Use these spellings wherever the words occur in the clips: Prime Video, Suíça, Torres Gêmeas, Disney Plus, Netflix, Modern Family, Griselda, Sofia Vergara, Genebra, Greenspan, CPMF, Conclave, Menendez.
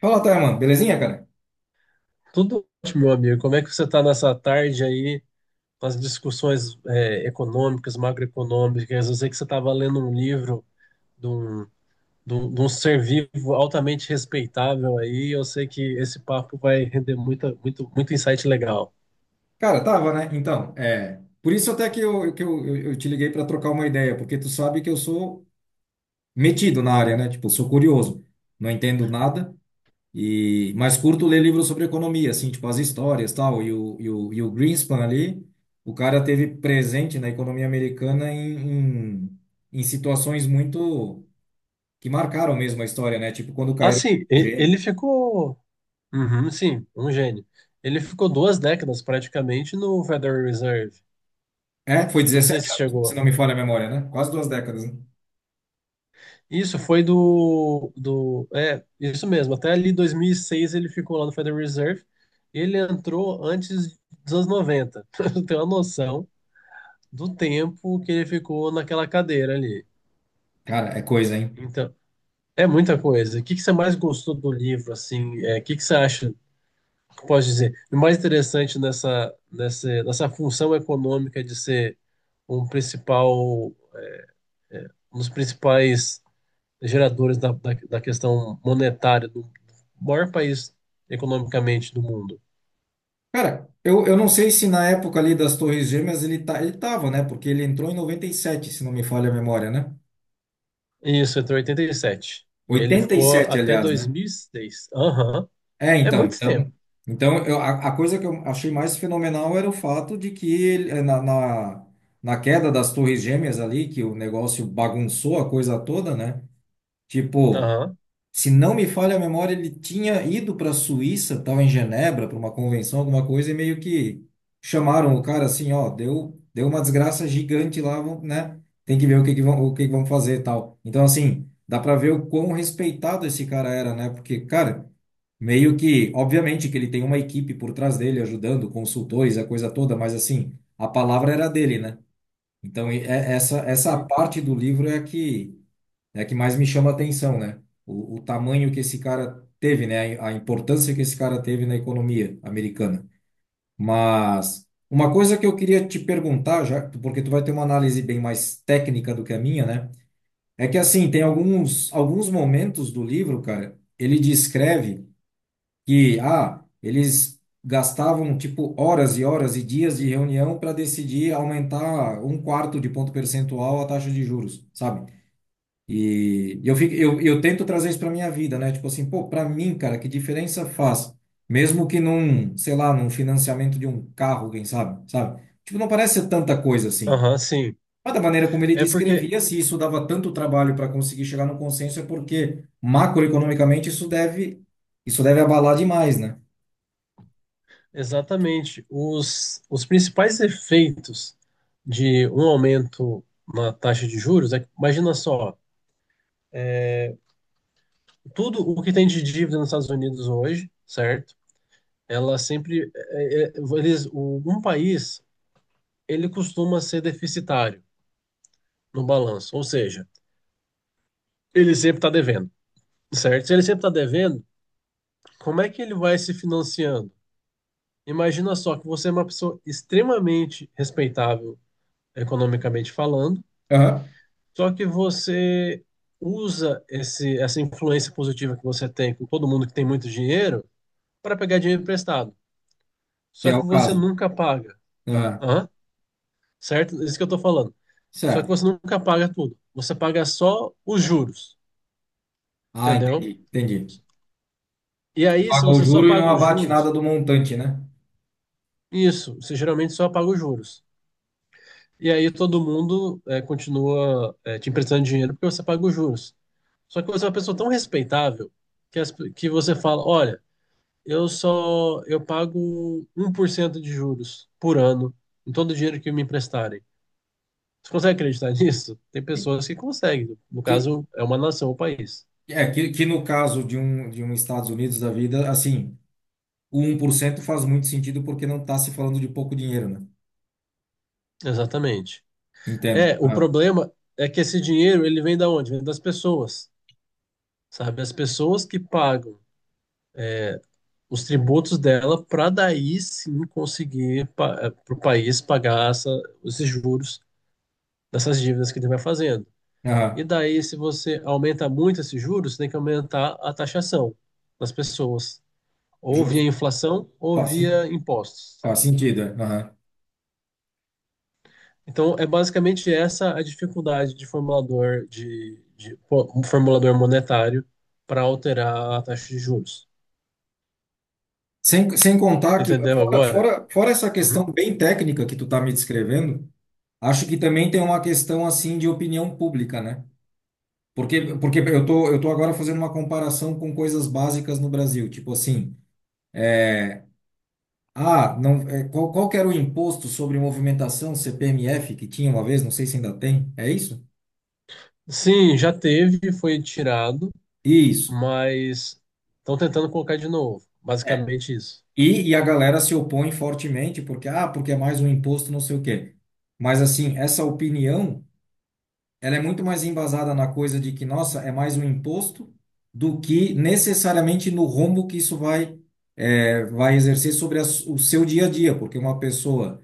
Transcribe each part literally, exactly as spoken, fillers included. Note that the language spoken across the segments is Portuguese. Fala, Taiman, belezinha, cara? Tudo ótimo, meu amigo. Como é que você está nessa tarde aí com as discussões é, econômicas, macroeconômicas? Eu sei que você estava lendo um livro de um, de um, de um ser vivo altamente respeitável aí. Eu sei que esse papo vai render muita, muito, muito insight legal. Cara, tava, né? Então, é. Por isso até que eu, que eu, eu eu te liguei para trocar uma ideia, porque tu sabe que eu sou metido na área, né? Tipo, sou curioso, não entendo nada, e mas curto ler livros sobre economia, assim, tipo as histórias tal. E o, e o, e o Greenspan ali, o cara teve presente na economia americana em, em, em situações muito que marcaram mesmo a história, né? Tipo, quando caíram Assim, os e- ele gêmeos. ficou. Uhum, sim, um gênio. Ele ficou duas décadas praticamente no Federal Reserve. É, foi Não sei dezessete se anos, se chegou. não me falha a memória, né? Quase duas décadas, né? Isso foi do, do. É, isso mesmo. Até ali dois mil e seis ele ficou lá no Federal Reserve. Ele entrou antes dos anos noventa. Pra você uma noção do tempo que ele ficou naquela cadeira ali. Cara, é coisa, hein? Então, é muita coisa. O que que você mais gostou do livro, assim? É, o que que você acha, que eu posso dizer, o mais interessante nessa, nessa, nessa função econômica de ser um principal, um dos principais geradores da, da, da questão monetária do maior país economicamente do mundo. Cara, eu, eu não sei se na época ali das Torres Gêmeas ele, tá, ele tava, né? Porque ele entrou em noventa e sete, se não me falha a memória, né? Isso, entrou em oitenta e sete. E sete. E ele Oitenta e ficou sete, até aliás, né? dois mil e seis. Aham. É, É então, muito tempo. então, então eu, a, a coisa que eu achei mais fenomenal era o fato de que ele, eh, na, na, na queda das Torres Gêmeas ali, que o negócio bagunçou a coisa toda, né? Tipo, Aham. se não me falha a memória, ele tinha ido para a Suíça, estava em Genebra, para uma convenção, alguma coisa, e meio que chamaram o cara assim, ó, deu, deu uma desgraça gigante lá, vamos, né? Tem que ver o que que vão, o que que vão fazer e tal. Então, assim, dá para ver o quão respeitado esse cara era, né? Porque, cara, meio que, obviamente que ele tem uma equipe por trás dele ajudando, consultores, a coisa toda, mas assim, a palavra era dele, né? Então, e- é- essa, essa E- parte do livro é a que né, que mais me chama a atenção, né? O, o tamanho que esse cara teve, né? A importância que esse cara teve na economia americana. Mas uma coisa que eu queria te perguntar, já, porque tu vai ter uma análise bem mais técnica do que a minha, né? É que assim, tem alguns, alguns momentos do livro, cara, ele descreve que, ah, eles gastavam tipo horas e horas e dias de reunião para decidir aumentar um quarto de ponto percentual a taxa de juros, sabe? E eu, fico, eu, eu tento trazer isso para minha vida, né? Tipo assim, pô, para mim, cara, que diferença faz? Mesmo que num, sei lá, num financiamento de um carro, quem sabe, sabe? Tipo, não parece ser tanta coisa assim. Aham, sim. Mas da maneira como ele É porque, descrevia, se isso dava tanto trabalho para conseguir chegar no consenso, é porque macroeconomicamente isso deve, isso deve abalar demais, né? exatamente, os, os principais efeitos de um aumento na taxa de juros é que, imagina só, tudo o que tem de dívida nos Estados Unidos hoje, certo? Ela sempre. é, é, eles, um país ele costuma ser deficitário no balanço, ou seja, ele sempre está devendo, certo? Se ele sempre está devendo, como é que ele vai se financiando? Imagina só que você é uma pessoa extremamente respeitável economicamente falando, Aham. só que você usa esse, essa influência positiva que você tem com todo mundo que tem muito dinheiro para pegar dinheiro emprestado. Que Só é que o você caso. nunca paga. Aham. Hã? Certo? É isso que eu estou falando. Só que Certo. você nunca paga tudo. Você paga só os juros, Ah, entendeu? entendi, entendi. E aí, se Paga o você só juro e não paga os abate juros, nada do montante, né? isso, você geralmente só paga os juros. E aí todo mundo é, continua é, te emprestando dinheiro porque você paga os juros. Só que você é uma pessoa tão respeitável que, as- que você fala, olha, eu só eu pago um por cento de juros por ano em todo o dinheiro que me emprestarem. Você consegue acreditar nisso? Tem pessoas que conseguem. No Que, caso, é uma nação, um país. É, que, que no caso de um, de um Estados Unidos da vida, assim, o um por cento faz muito sentido porque não está se falando de pouco dinheiro, né? Exatamente. Entendo. É, o Aham. problema é que esse dinheiro, ele vem da onde? Vem das pessoas. Sabe? As pessoas que pagam os tributos dela para daí sim conseguir para o país pagar essa, esses juros dessas dívidas que ele vai fazendo. E Aham. daí, se você aumenta muito esses juros, você tem que aumentar a taxação das pessoas, ou via Justo. inflação ou Faz, sen- via impostos. Faz sentido, é. Aham. Então, é basicamente essa a dificuldade de formulador de, de pô, um formulador monetário para alterar a taxa de juros. Sem, sem contar Você que, entendeu fora, agora? fora, fora essa questão Uhum. bem técnica que tu tá me descrevendo, acho que também tem uma questão, assim, de opinião pública, né? Porque, porque eu tô, eu tô agora fazendo uma comparação com coisas básicas no Brasil, tipo assim. é, Ah, não, é, qual, qual que era o imposto sobre movimentação C P M F que tinha uma vez? Não sei se ainda tem. É isso? Sim, já teve, foi tirado, Isso. mas estão tentando colocar de novo. É. Basicamente isso. E, e a galera se opõe fortemente porque, ah, porque é mais um imposto, não sei o quê. Mas, assim, essa opinião, ela é muito mais embasada na coisa de que, nossa, é mais um imposto do que necessariamente no rombo que isso vai, é, vai exercer sobre a s- o seu dia a dia. Porque uma pessoa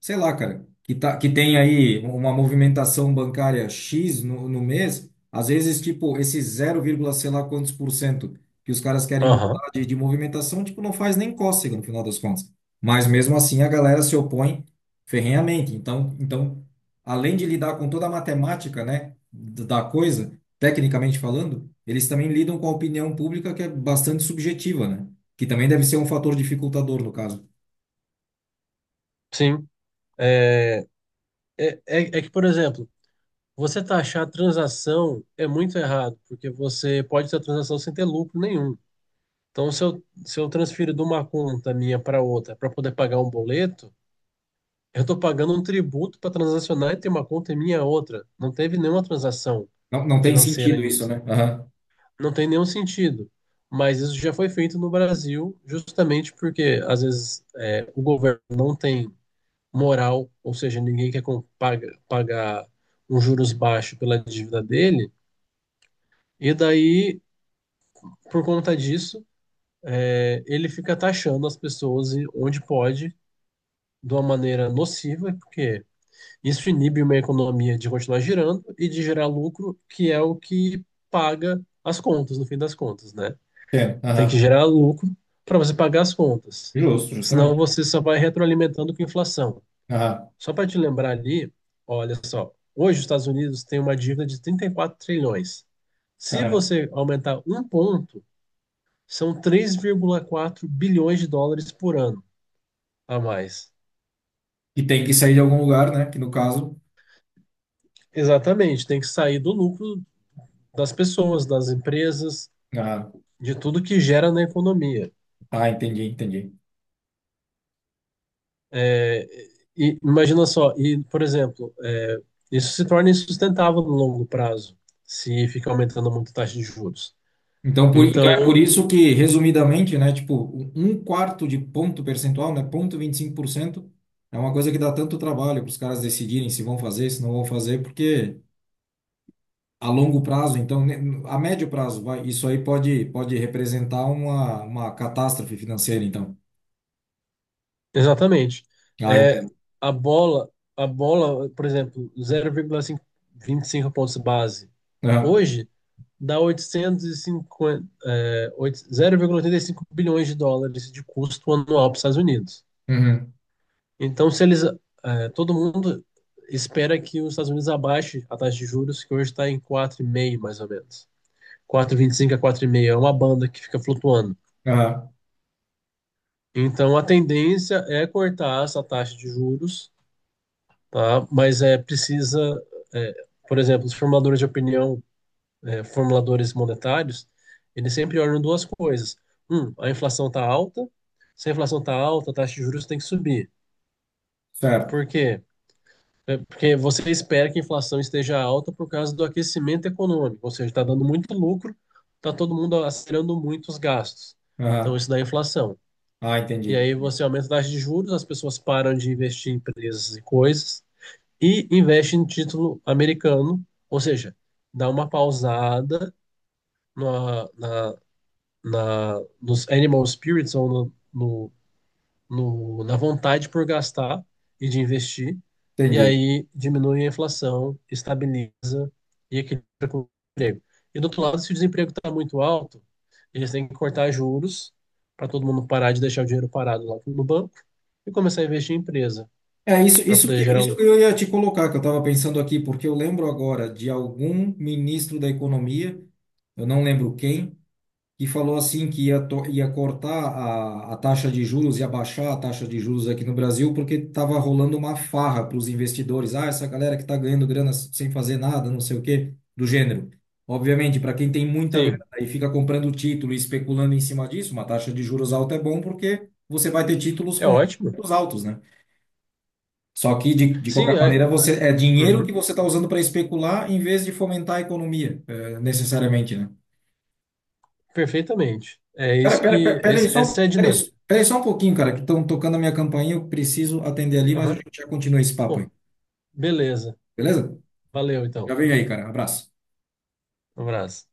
sei lá, cara, que, tá, que tem aí uma movimentação bancária X no, no mês, às vezes, tipo, esse zero vírgula sei lá quantos por cento que os caras querem Aham, botar de, de movimentação, tipo, não faz nem cócega no final das contas. Mas mesmo assim a galera se opõe ferrenhamente. Então, então, além de lidar com toda a matemática, né, d- da coisa, tecnicamente falando, eles também lidam com a opinião pública que é bastante subjetiva, né? Que também deve ser um fator dificultador no caso. sim. É, é, é, é que, por exemplo, você taxar a transação é muito errado, porque você pode ter a transação sem ter lucro nenhum. Então, se eu, se eu transfiro de uma conta minha para outra para poder pagar um boleto, eu estou pagando um tributo para transacionar e ter uma conta minha outra. Não teve nenhuma transação Não, não tem financeira sentido isso, nisso. né? Não tem nenhum sentido. Mas isso já foi feito no Brasil, justamente porque, às vezes, é, o governo não tem moral, ou seja, ninguém quer com- paga- pagar um juros baixo pela dívida dele, e daí, por conta disso, é, ele fica taxando as pessoas e- onde pode, de uma maneira nociva, porque isso inibe uma economia de continuar girando e de gerar lucro, que é o que paga as contas, no fim das contas, né? Entendo. Tem que Aham. gerar lucro para você pagar as contas. Justo, Senão justamente. você só vai retroalimentando com a inflação. Aham. Só para te lembrar ali, olha só, hoje os Estados Unidos têm uma dívida de trinta e quatro trilhões. Se Caramba. você aumentar um ponto, são três vírgula quatro bilhões de dólares por ano a mais. E tem que sair de algum lugar, né? Que no caso. Exatamente, tem que sair do lucro das pessoas, das empresas, Ah, de tudo que gera na economia. tá, entendi, entendi. É, e imagina só, e, por exemplo, é, isso se torna insustentável no longo prazo, se fica aumentando muito a taxa de juros. Então, por, então é por Então, isso que, resumidamente, né? Tipo, um quarto de ponto percentual, né? Ponto vinte e cinco por cento é uma coisa que dá tanto trabalho para os caras decidirem se vão fazer, se não vão fazer, porque a longo prazo, então, né, a médio prazo, vai, isso aí pode, pode representar uma, uma catástrofe financeira, então. exatamente. Ah, É, entendo. a bola, a bola, por exemplo, zero vírgula vinte e cinco pontos base, Aham. hoje dá oitocentos e cinquenta, é, oito- zero vírgula oitenta e cinco bilhões de dólares de custo anual para os Estados Unidos. Uhum. Então, se eles, eh, todo mundo espera que os Estados Unidos abaixe a taxa de juros, que hoje está em quatro vírgula cinco mais ou menos. Quatro vírgula vinte e cinco a quatro vírgula cinco é uma banda que fica flutuando. Aham. Então, a tendência é cortar essa taxa de juros, tá? Mas é precisa, eh, por exemplo, os formuladores de opinião, eh, formuladores monetários, eles sempre olham duas coisas. Um, a inflação está alta. Se a inflação está alta, a taxa de juros tem que subir. Certo. Por quê? É, porque você espera que a inflação esteja alta por causa do aquecimento econômico, ou seja, está dando muito lucro, está todo mundo acelerando muito os gastos. Então, Aham. isso dá inflação. Ah, E entendi. aí você aumenta a taxa de juros, as pessoas param de investir em empresas e coisas e investem em título americano, ou seja, dá uma pausada na, na, na, nos animal spirits ou no, no no, na vontade por gastar e de investir, e Entendi. aí diminui a inflação, estabiliza e equilibra com o emprego. E do outro lado, se o desemprego está muito alto, eles têm que cortar juros para todo mundo parar de deixar o dinheiro parado lá no banco e começar a investir em empresa É isso, para isso poder que, gerar isso que lucro. eu ia te colocar, que eu estava pensando aqui, porque eu lembro agora de algum ministro da economia, eu não lembro quem, que falou assim que ia, to- ia cortar a, a taxa de juros, ia baixar a taxa de juros aqui no Brasil, porque estava rolando uma farra para os investidores. Ah, essa galera que está ganhando grana s- sem fazer nada, não sei o quê, do gênero. Obviamente, para quem tem muita grana Sim, e fica comprando título e especulando em cima disso, uma taxa de juros alta é bom porque você vai ter títulos é com ótimo. juros altos, né? Só que, de, de Sim, qualquer é, é- maneira, você é dinheiro que uhum, você está usando para especular em vez de fomentar a economia, é, necessariamente, né? perfeitamente. É Pera, isso pera, que. pera, pera aí esse- só, Essa é a pera aí, dinâmica. pera aí só um pouquinho, cara, que estão tocando a minha campainha, eu preciso atender ali, mas a Aham. gente já continua esse papo aí, Pô, beleza. beleza? Valeu, Já então. vem aí, cara. Abraço. Um abraço.